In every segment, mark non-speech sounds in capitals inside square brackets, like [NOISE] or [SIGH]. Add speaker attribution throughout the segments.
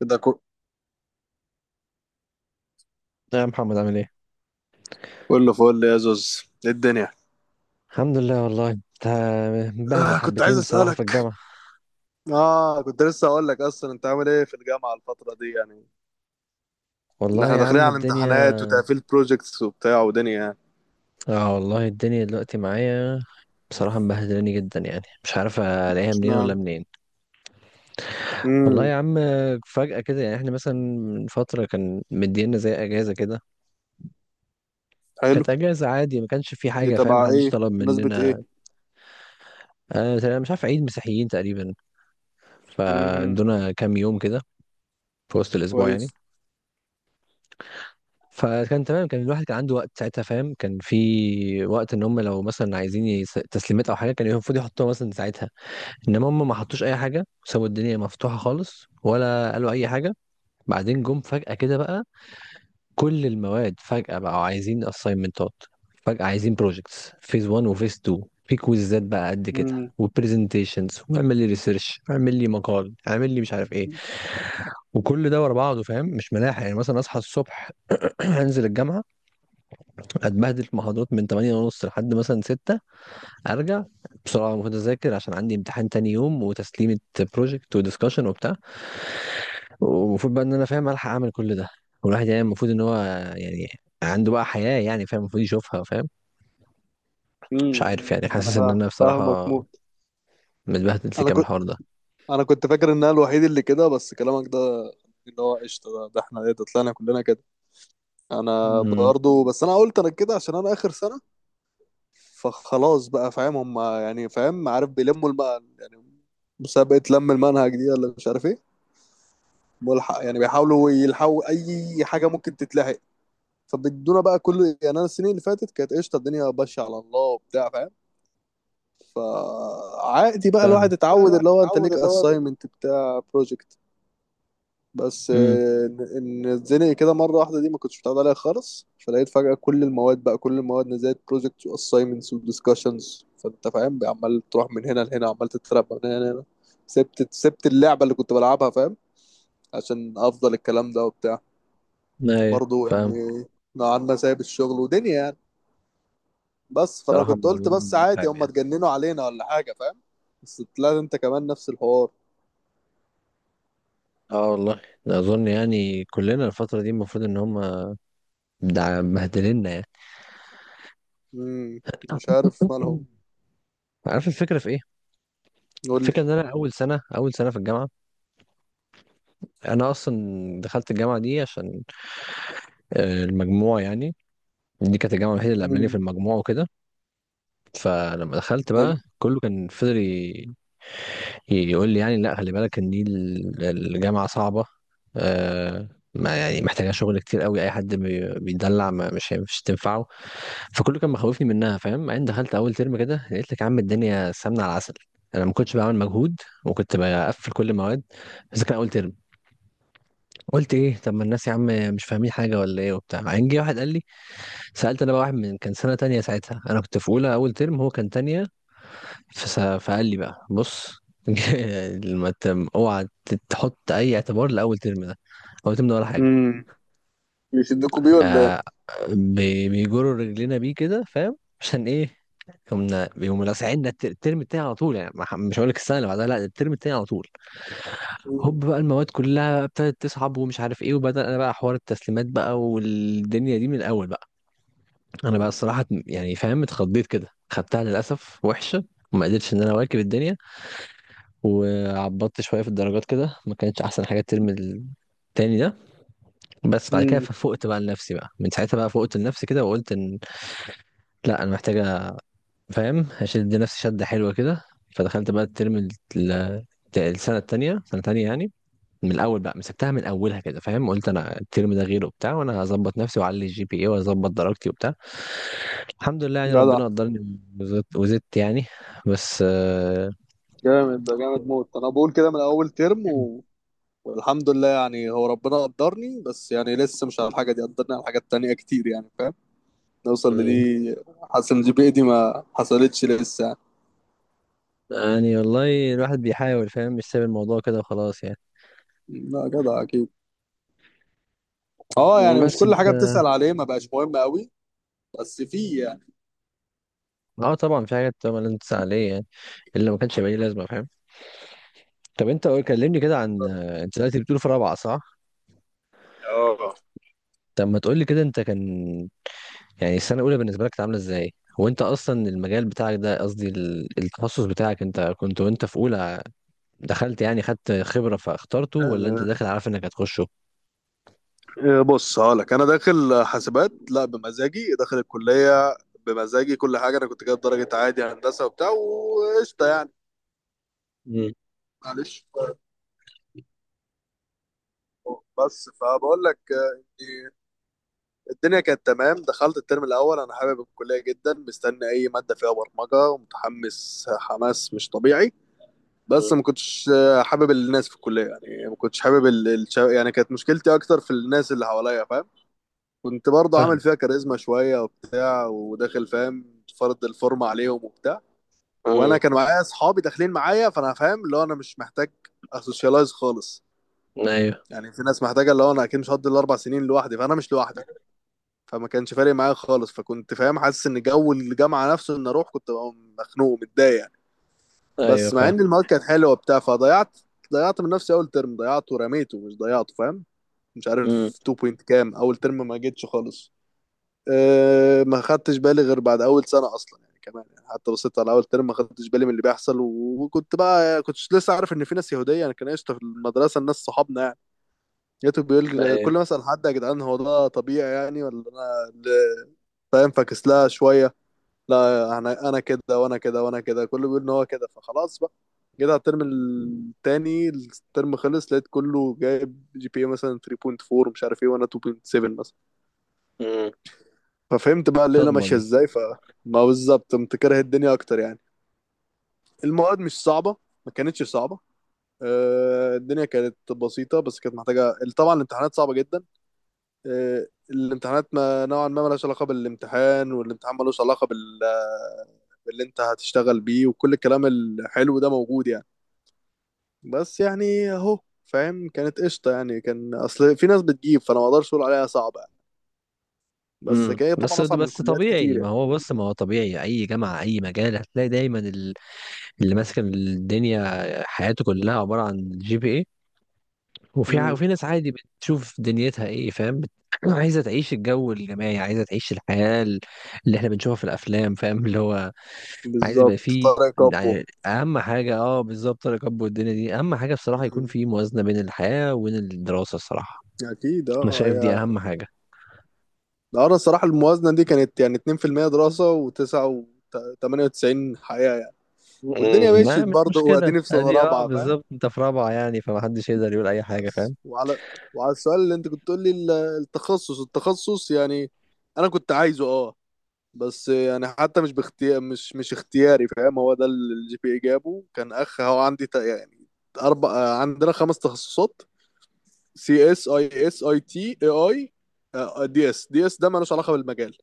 Speaker 1: كده كو-
Speaker 2: يا محمد عامل ايه؟
Speaker 1: كله فل يا زوز، إيه الدنيا؟
Speaker 2: الحمد لله والله انت مبهدل
Speaker 1: كنت عايز
Speaker 2: حبتين بصراحة في
Speaker 1: اسالك.
Speaker 2: الجامعة.
Speaker 1: اه كنت لسه اقول لك، اصلا انت عامل ايه في الجامعه الفتره دي يعني؟ ان
Speaker 2: والله
Speaker 1: احنا
Speaker 2: يا
Speaker 1: داخلين
Speaker 2: عم
Speaker 1: على
Speaker 2: الدنيا.
Speaker 1: امتحانات وتقفيل بروجكتس وبتاع ودنيا يعني.
Speaker 2: اه والله الدنيا دلوقتي معايا بصراحة مبهدلاني جدا يعني مش عارف الاقيها منين ولا
Speaker 1: اشمعنى؟
Speaker 2: منين. والله
Speaker 1: امم
Speaker 2: يا عم، فجأة كده يعني احنا مثلا من فترة كان مدينا زي اجازة كده.
Speaker 1: حلو.
Speaker 2: كانت اجازة عادي ما كانش في
Speaker 1: دي
Speaker 2: حاجة فاهم،
Speaker 1: تبع
Speaker 2: محدش
Speaker 1: ايه،
Speaker 2: طلب
Speaker 1: مناسبه ايه؟
Speaker 2: مننا. انا مش عارف عيد مسيحيين تقريبا،
Speaker 1: امم
Speaker 2: فادونا كام يوم كده في وسط الاسبوع يعني.
Speaker 1: كويس.
Speaker 2: فكان تمام، كان الواحد كان عنده وقت ساعتها فاهم، كان في وقت ان هم لو مثلا عايزين تسليمات او حاجه كان المفروض يحطوها مثلا ساعتها. انما هم ما حطوش اي حاجه، سابوا الدنيا مفتوحه خالص ولا قالوا اي حاجه. بعدين جم فجاه كده بقى. كل المواد فجاه بقوا عايزين اساينمنتات، فجاه عايزين بروجكتس فيز 1 وفيز 2، في كويزات بقى قد كده
Speaker 1: امم
Speaker 2: وبرزنتيشنز واعمل لي ريسيرش اعمل لي مقال اعمل لي مش عارف ايه. وكل ده ورا بعضه فاهم مش ملاحق يعني، مثلا اصحى الصبح، [CLEARS THROAT] انزل الجامعه، اتبهدل في محاضرات من 8 ونص لحد مثلا 6، ارجع بسرعه المفروض اذاكر عشان عندي امتحان تاني يوم وتسليمه بروجكت ودiscussion وبتاع. ومفروض بقى ان انا فاهم الحق اعمل كل ده. والواحد يعني المفروض ان هو يعني عنده بقى حياه يعني فاهم المفروض يشوفها فاهم. مش
Speaker 1: امم
Speaker 2: عارف يعني
Speaker 1: انا
Speaker 2: حاسس ان
Speaker 1: فاهم،
Speaker 2: انا
Speaker 1: فاهمك
Speaker 2: بصراحه
Speaker 1: موت.
Speaker 2: متبهدل في
Speaker 1: انا
Speaker 2: كام
Speaker 1: كنت
Speaker 2: الحوار ده.
Speaker 1: انا كنت فاكر ان انا الوحيد اللي كده، بس كلامك ده اللي هو قشطه. ده احنا ايه، ده طلعنا كلنا كده. انا
Speaker 2: امم.
Speaker 1: برضه بس انا قلت انا كده عشان انا اخر سنه. فخلاص بقى فاهم، هم يعني فاهم عارف يعني مسابقة لم المنهج دي ولا مش عارف ايه. ملحق يعني، بيحاولوا يلحقوا اي حاجة ممكن تتلحق. فبيدونا بقى كل يعني، انا السنين اللي فاتت كانت قشطة، الدنيا ماشية على الله وبتاع فاهم. فعادي بقى،
Speaker 2: فاهم
Speaker 1: الواحد
Speaker 2: بقى
Speaker 1: اتعود
Speaker 2: الواحد
Speaker 1: اللي هو انت
Speaker 2: اتعود
Speaker 1: ليك
Speaker 2: اللي هو.
Speaker 1: اساينمنت بتاع بروجكت. بس
Speaker 2: امم.
Speaker 1: ان اتزنق كده مره واحده، دي ما كنتش متعود عليها خالص. فلقيت فجاه كل المواد بقى، كل المواد نزلت بروجكتس واساينمنتس وديسكشنز، فانت فاهم بقى، عمال تروح من هنا لهنا، عمال تترقى من هنا لهنا. سبت اللعبه اللي كنت بلعبها فاهم، عشان افضل الكلام ده وبتاع.
Speaker 2: ايوه
Speaker 1: برضه
Speaker 2: فاهم.
Speaker 1: يعني نوعا ما سايب الشغل ودنيا يعني. بس فانا
Speaker 2: بصراحه
Speaker 1: كنت
Speaker 2: الموضوع
Speaker 1: قلت بس عادي،
Speaker 2: متعب
Speaker 1: هم
Speaker 2: يعني.
Speaker 1: اتجننوا علينا ولا حاجه فاهم. بس طلعت انت كمان نفس الحوار.
Speaker 2: اه والله ده اظن يعني كلنا الفتره دي المفروض ان هم مبهدلنا يعني.
Speaker 1: امم مش عارف مالهم.
Speaker 2: عارف الفكرة في ايه؟
Speaker 1: قول لي.
Speaker 2: الفكرة ان انا اول سنة في الجامعة. انا اصلا دخلت الجامعة دي عشان آه، المجموع يعني. دي كانت الجامعة الوحيدة اللي قبلاني في
Speaker 1: امم
Speaker 2: المجموع وكده. فلما دخلت بقى كله كان فضل يقول لي يعني لا خلي بالك ان دي الجامعة صعبة. آه، ما يعني محتاجة شغل كتير قوي، اي حد بيدلع ما مش تنفعه. فكله كان مخوفني منها فاهم. بعدين دخلت اول ترم كده لقيت لك يا عم الدنيا سمنه على العسل. انا ما كنتش بعمل مجهود وكنت بقفل كل المواد، بس كان اول ترم. قلت ايه طب ما الناس يا عم مش فاهمين حاجه ولا ايه وبتاع. بعدين جه واحد قال لي، سالت انا بقى واحد من كان سنه تانية ساعتها، انا كنت في اولى اول ترم هو كان تانية، فقال لي بقى بص [LAUGHS] لما اوعى تحط اي اعتبار لاول ترم ده، اول ترم ده ولا حاجه.
Speaker 1: حلو. بيشدكوا بيه ولا ايه؟
Speaker 2: آه، بيجروا رجلينا بيه كده فاهم عشان ايه. كنا بيقوموا لاسعيننا الترم التاني على طول يعني، ما ح- مش هقول لك السنه اللي بعدها، لا الترم التاني على طول. هوب بقى المواد كلها ابتدت تصعب ومش عارف ايه، وبدا انا بقى حوار التسليمات بقى والدنيا دي من الاول بقى. انا بقى الصراحه يعني فاهم اتخضيت كده، خدتها للاسف وحشه وما قدرتش ان انا اواكب الدنيا. وعبطت شويه في الدرجات كده، ما كانتش احسن حاجه الترم التاني ده. بس بعد كده
Speaker 1: امم
Speaker 2: ففقت بقى لنفسي، بقى من ساعتها بقى فقت لنفسي كده وقلت ان لا انا محتاجه فاهم هشد نفسي شدة حلوة كده. فدخلت بقى ال- السنة التانية سنة تانية يعني، من الأول بقى مسكتها من أولها كده فاهم. قلت أنا الترم ده غيره وبتاع وأنا هظبط نفسي وأعلي الجي بي إيه وأظبط درجتي وبتاع. الحمد لله يعني
Speaker 1: جدع.
Speaker 2: ربنا قدرني وزدت يعني. بس آه،
Speaker 1: جامد، ده جامد موت. انا بقول كده من اول ترم والحمد لله يعني، هو ربنا قدرني، بس يعني لسه مش على الحاجه دي، قدرني على حاجات تانية كتير يعني فاهم. نوصل
Speaker 2: مم.
Speaker 1: لدي. حاسس ان الجي دي ما حصلتش لسه يعني.
Speaker 2: يعني والله الواحد بيحاول فاهم مش سايب الموضوع كده وخلاص يعني.
Speaker 1: لا جدع اكيد. اه
Speaker 2: مم،
Speaker 1: يعني، مش
Speaker 2: بس
Speaker 1: كل
Speaker 2: انت.
Speaker 1: حاجه بتسأل عليه ما بقاش مهم قوي. بس في يعني.
Speaker 2: اه طبعا في حاجات طبعا لازم تسأل عليها يعني، اللي ما كانش يبقى ليه لازمه فاهم. طب انت كلمني كده عن آه، انت دلوقتي بتقول في رابعه صح؟
Speaker 1: اه
Speaker 2: طب ما تقولي كده انت كان، يعني السنة الأولى بالنسبة لك كانت عاملة ازاي؟ وانت أصلا المجال بتاعك، ده قصدي التخصص بتاعك، انت كنت وانت في أولى دخلت يعني خدت خبرة فاخترته، ولا انت داخل عارف انك هتخشه؟
Speaker 1: بص هقولك، انا داخل حاسبات لا بمزاجي، داخل الكليه بمزاجي كل حاجه. انا كنت جايب درجه عادي هندسه وبتاع وقشطه يعني.
Speaker 2: مم.
Speaker 1: معلش. بس فبقول لك إن الدنيا كانت تمام. دخلت الترم الاول، انا حابب الكليه جدا، مستني اي ماده فيها برمجه، ومتحمس حماس مش طبيعي.
Speaker 2: مم.
Speaker 1: بس ما كنتش حابب الناس في الكليه يعني. ما كنتش حابب يعني كانت مشكلتي اكتر في الناس اللي حواليا فاهم. كنت برضه
Speaker 2: فاهم.
Speaker 1: عامل فيها كاريزما شويه وبتاع، وداخل فاهم فرض الفورمه عليهم وبتاع.
Speaker 2: مم.
Speaker 1: وانا كان معايا اصحابي داخلين معايا، فانا فاهم اللي هو انا مش محتاج اسوشيالايز خالص
Speaker 2: ايوه.
Speaker 1: يعني. في ناس محتاجه، اللي هو انا اكيد مش هقضي الاربع سنين لوحدي، فانا مش لوحدي. فما كانش فارق معايا خالص. فكنت فاهم حاسس ان جو الجامعه نفسه، ان اروح كنت ببقى مخنوق متضايق يعني.
Speaker 2: ايوه
Speaker 1: بس مع
Speaker 2: فاهم.
Speaker 1: ان المواد كانت حلوه وبتاع، ضيعت من نفسي اول ترم. ضيعته ورميته، مش ضيعته فاهم. مش عارف
Speaker 2: مم.
Speaker 1: 2 بوينت كام اول ترم، ما جيتش خالص. أه ما خدتش بالي غير بعد اول سنه اصلا يعني. كمان يعني، حتى بصيت على اول ترم ما خدتش بالي من اللي بيحصل. وكنت بقى لسه عارف ان في ناس يهوديه. انا كان قشطه في المدرسه الناس صحابنا يعني. لقيته بيقول،
Speaker 2: ايوه.
Speaker 1: كل ما اسال حد يا جدعان، هو ده طبيعي يعني ولا انا اللي فاهم فاكس لها شويه. لا، انا انا كده كله بيقول ان هو كده، فخلاص بقى. جيت على الترم التاني، الترم خلص، لقيت كله جايب جي بي اي مثلا 3.4 مش عارف ايه، وانا 2.7 مثلا.
Speaker 2: مم.
Speaker 1: ففهمت بقى الليله
Speaker 2: صدمة
Speaker 1: ماشيه
Speaker 2: دي.
Speaker 1: ازاي، فما بالظبط قمت كاره الدنيا اكتر يعني. المواد مش صعبه، ما كانتش صعبه. الدنيا كانت بسيطه، بس كانت محتاجه طبعا. الامتحانات صعبه جدا. الامتحانات ما نوعا ما ملهاش علاقه بالامتحان، والامتحان ملوش علاقه بال باللي انت هتشتغل بيه، وكل الكلام الحلو ده موجود يعني. بس يعني اهو فاهم، كانت قشطه يعني. كان اصل في ناس بتجيب، فانا ما اقدرش اقول عليها صعبه يعني. بس
Speaker 2: مم.
Speaker 1: كده
Speaker 2: بس
Speaker 1: طبعا اصعب من
Speaker 2: بس
Speaker 1: كليات كتير
Speaker 2: طبيعي، ما
Speaker 1: يعني.
Speaker 2: هو بص ما هو طبيعي، أي جامعة أي مجال هتلاقي دايما اللي ماسك الدنيا حياته كلها عبارة عن جي بي، وفي
Speaker 1: امم
Speaker 2: وفي ناس عادي بتشوف دنيتها ايه فاهم [CLEARS THROAT] عايزه تعيش الجو الجماعي، عايزه تعيش الحياه اللي احنا بنشوفها في الافلام فاهم اللي هو عايز يبقى
Speaker 1: بالظبط
Speaker 2: فيه.
Speaker 1: طارق كابو.
Speaker 2: يعني اهم حاجه اه بالظبط الركب والدنيا دي اهم حاجه بصراحه، يكون
Speaker 1: مم.
Speaker 2: في موازنه بين الحياه وبين الدراسه الصراحه.
Speaker 1: اكيد
Speaker 2: انا
Speaker 1: اه
Speaker 2: شايف دي
Speaker 1: هي.
Speaker 2: اهم حاجه.
Speaker 1: ده انا الصراحه الموازنه دي كانت يعني 2% دراسه و9 و98 حقيقه يعني.
Speaker 2: مم،
Speaker 1: والدنيا
Speaker 2: ما
Speaker 1: مشيت
Speaker 2: مش
Speaker 1: برضه،
Speaker 2: مشكله،
Speaker 1: واديني في سنه
Speaker 2: ادي اه
Speaker 1: رابعه فاهم.
Speaker 2: بالظبط، انت في رابعه يعني فمحدش يقدر يقول اي حاجه
Speaker 1: بس
Speaker 2: فاهم.
Speaker 1: وعلى السؤال اللي انت كنت تقول لي، التخصص يعني، انا كنت عايزه اه. بس يعني حتى مش باختيار، مش اختياري فاهم. هو ده اللي الجي بي اي جابه. كان هو عندي يعني عندنا خمس تخصصات: سي اس، اي اس، اي تي، اي اي، دي اس. دي اس ده مالوش علاقه بالمجال.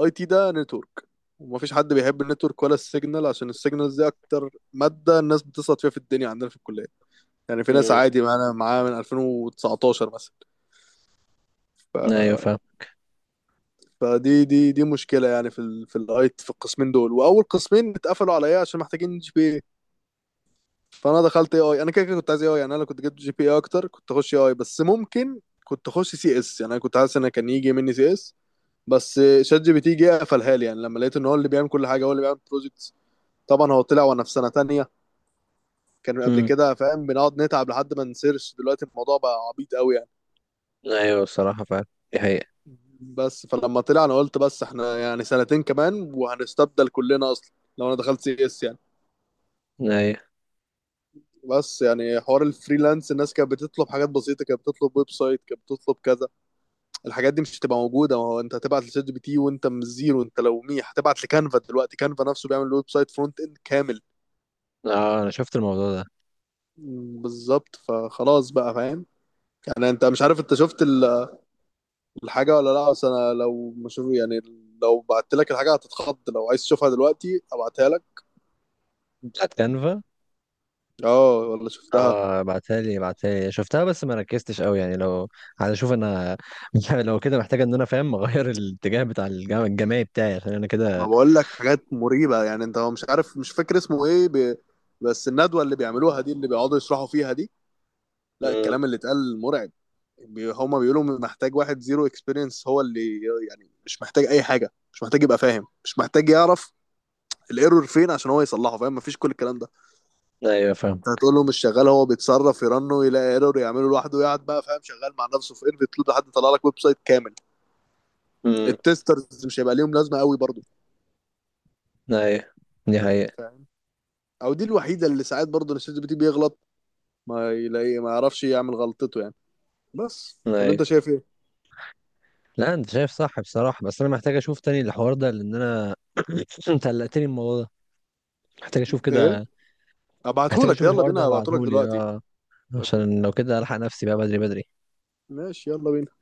Speaker 1: اي تي ده نتورك، ومفيش حد بيحب النتورك ولا السيجنال، عشان السيجنالز دي اكتر ماده الناس بتسقط فيها في الدنيا عندنا في الكليه. يعني في ناس
Speaker 2: مم،
Speaker 1: عادي معانا معاها من 2019 مثلا.
Speaker 2: ايوه
Speaker 1: ف...
Speaker 2: فاهم.
Speaker 1: فدي دي دي مشكله يعني في في في القسمين دول، واول قسمين اتقفلوا عليا عشان محتاجين جي بي اي. فانا دخلت اي اي. انا كده كنت عايز اي اي يعني. انا لو كنت جبت جي بي اي اكتر كنت اخش اي اي، بس ممكن كنت اخش سي اس يعني. انا كنت حاسس ان كان يجي مني سي اس، بس شات جي بي تي جه قفلها لي يعني. لما لقيت ان هو اللي بيعمل كل حاجه، هو اللي بيعمل بروجكت. طبعا هو طلع وانا في سنه تانية. كان قبل
Speaker 2: مم،
Speaker 1: كده فاهم بنقعد نتعب لحد ما نسيرش، دلوقتي الموضوع بقى عبيط قوي يعني.
Speaker 2: ايوه الصراحه فاهم دي حقيقه.
Speaker 1: بس فلما طلع انا قلت بس احنا يعني سنتين كمان وهنستبدل كلنا اصلا، لو انا دخلت سي اس يعني.
Speaker 2: ايوه.
Speaker 1: بس يعني حوار الفريلانس، الناس كانت بتطلب حاجات بسيطه، كانت بتطلب ويب سايت، كانت بتطلب كذا. الحاجات دي مش هتبقى موجوده، ما هو انت هتبعت لشات جي بي تي وانت من الزيرو. انت لو ميح هتبعت لكانفا، دلوقتي كانفا نفسه بيعمل ويب سايت فرونت اند كامل.
Speaker 2: اه انا شفت الموضوع ده.
Speaker 1: بالظبط فخلاص بقى فاهم. يعني انت مش عارف انت شفت الحاجة ولا لا؟ بس انا لو مش يعني، لو بعت لك الحاجة هتتخض. لو عايز تشوفها دلوقتي ابعتها لك.
Speaker 2: بتاعت كانفا.
Speaker 1: اه والله شفتها.
Speaker 2: اه ابعتها لي، ابعتها لي شفتها بس ما ركزتش قوي يعني، لو عايز اشوف انا. [LAUGHS] لو كده محتاج ان انا فاهم [LAUGHS] اغير الاتجاه بتاع الجماعي بتاعي عشان انا
Speaker 1: ما
Speaker 2: كده.
Speaker 1: بقول لك حاجات مريبة يعني. انت مش عارف، مش فاكر اسمه ايه بس الندوة اللي بيعملوها دي، اللي بيقعدوا يشرحوا فيها دي، لا
Speaker 2: امم.
Speaker 1: الكلام اللي اتقال مرعب. هما بيقولوا محتاج واحد زيرو اكسبيرينس، هو اللي يعني مش محتاج اي حاجة، مش محتاج يبقى فاهم، مش محتاج يعرف الايرور فين عشان هو يصلحه فاهم، مفيش كل الكلام ده.
Speaker 2: ايوه فاهم.
Speaker 1: هتقول له مش شغال، هو بيتصرف، يرنه يلاقي ايرور يعمله لوحده، يقعد بقى فاهم شغال مع نفسه في ايرفي تلود لحد يطلع لك ويب سايت كامل.
Speaker 2: امم.
Speaker 1: التسترز مش هيبقى ليهم لازمه قوي برضو
Speaker 2: ايوه دي حقيقة.
Speaker 1: فاهم. او دي الوحيده اللي ساعات برضو ان الشات جي بي تي بيغلط، ما يلاقي، ما يعرفش يعمل غلطته يعني. بس ولا
Speaker 2: ايوه
Speaker 1: انت شايف ايه؟
Speaker 2: لا انت شايف صح بصراحة، بس انا محتاج اشوف تاني الحوار ده لان انا [CLEARS THROAT] انت قلقتني من الموضوع ده، محتاج اشوف
Speaker 1: ايه؟
Speaker 2: كده. محتاج
Speaker 1: ابعتهولك،
Speaker 2: اشوف
Speaker 1: يلا
Speaker 2: الحوار ده
Speaker 1: بينا، ابعتهولك
Speaker 2: ابعتهولي
Speaker 1: دلوقتي.
Speaker 2: اه،
Speaker 1: ابعتهولك،
Speaker 2: عشان لو كده الحق نفسي بقى بدري بدري.
Speaker 1: ماشي يلا بينا.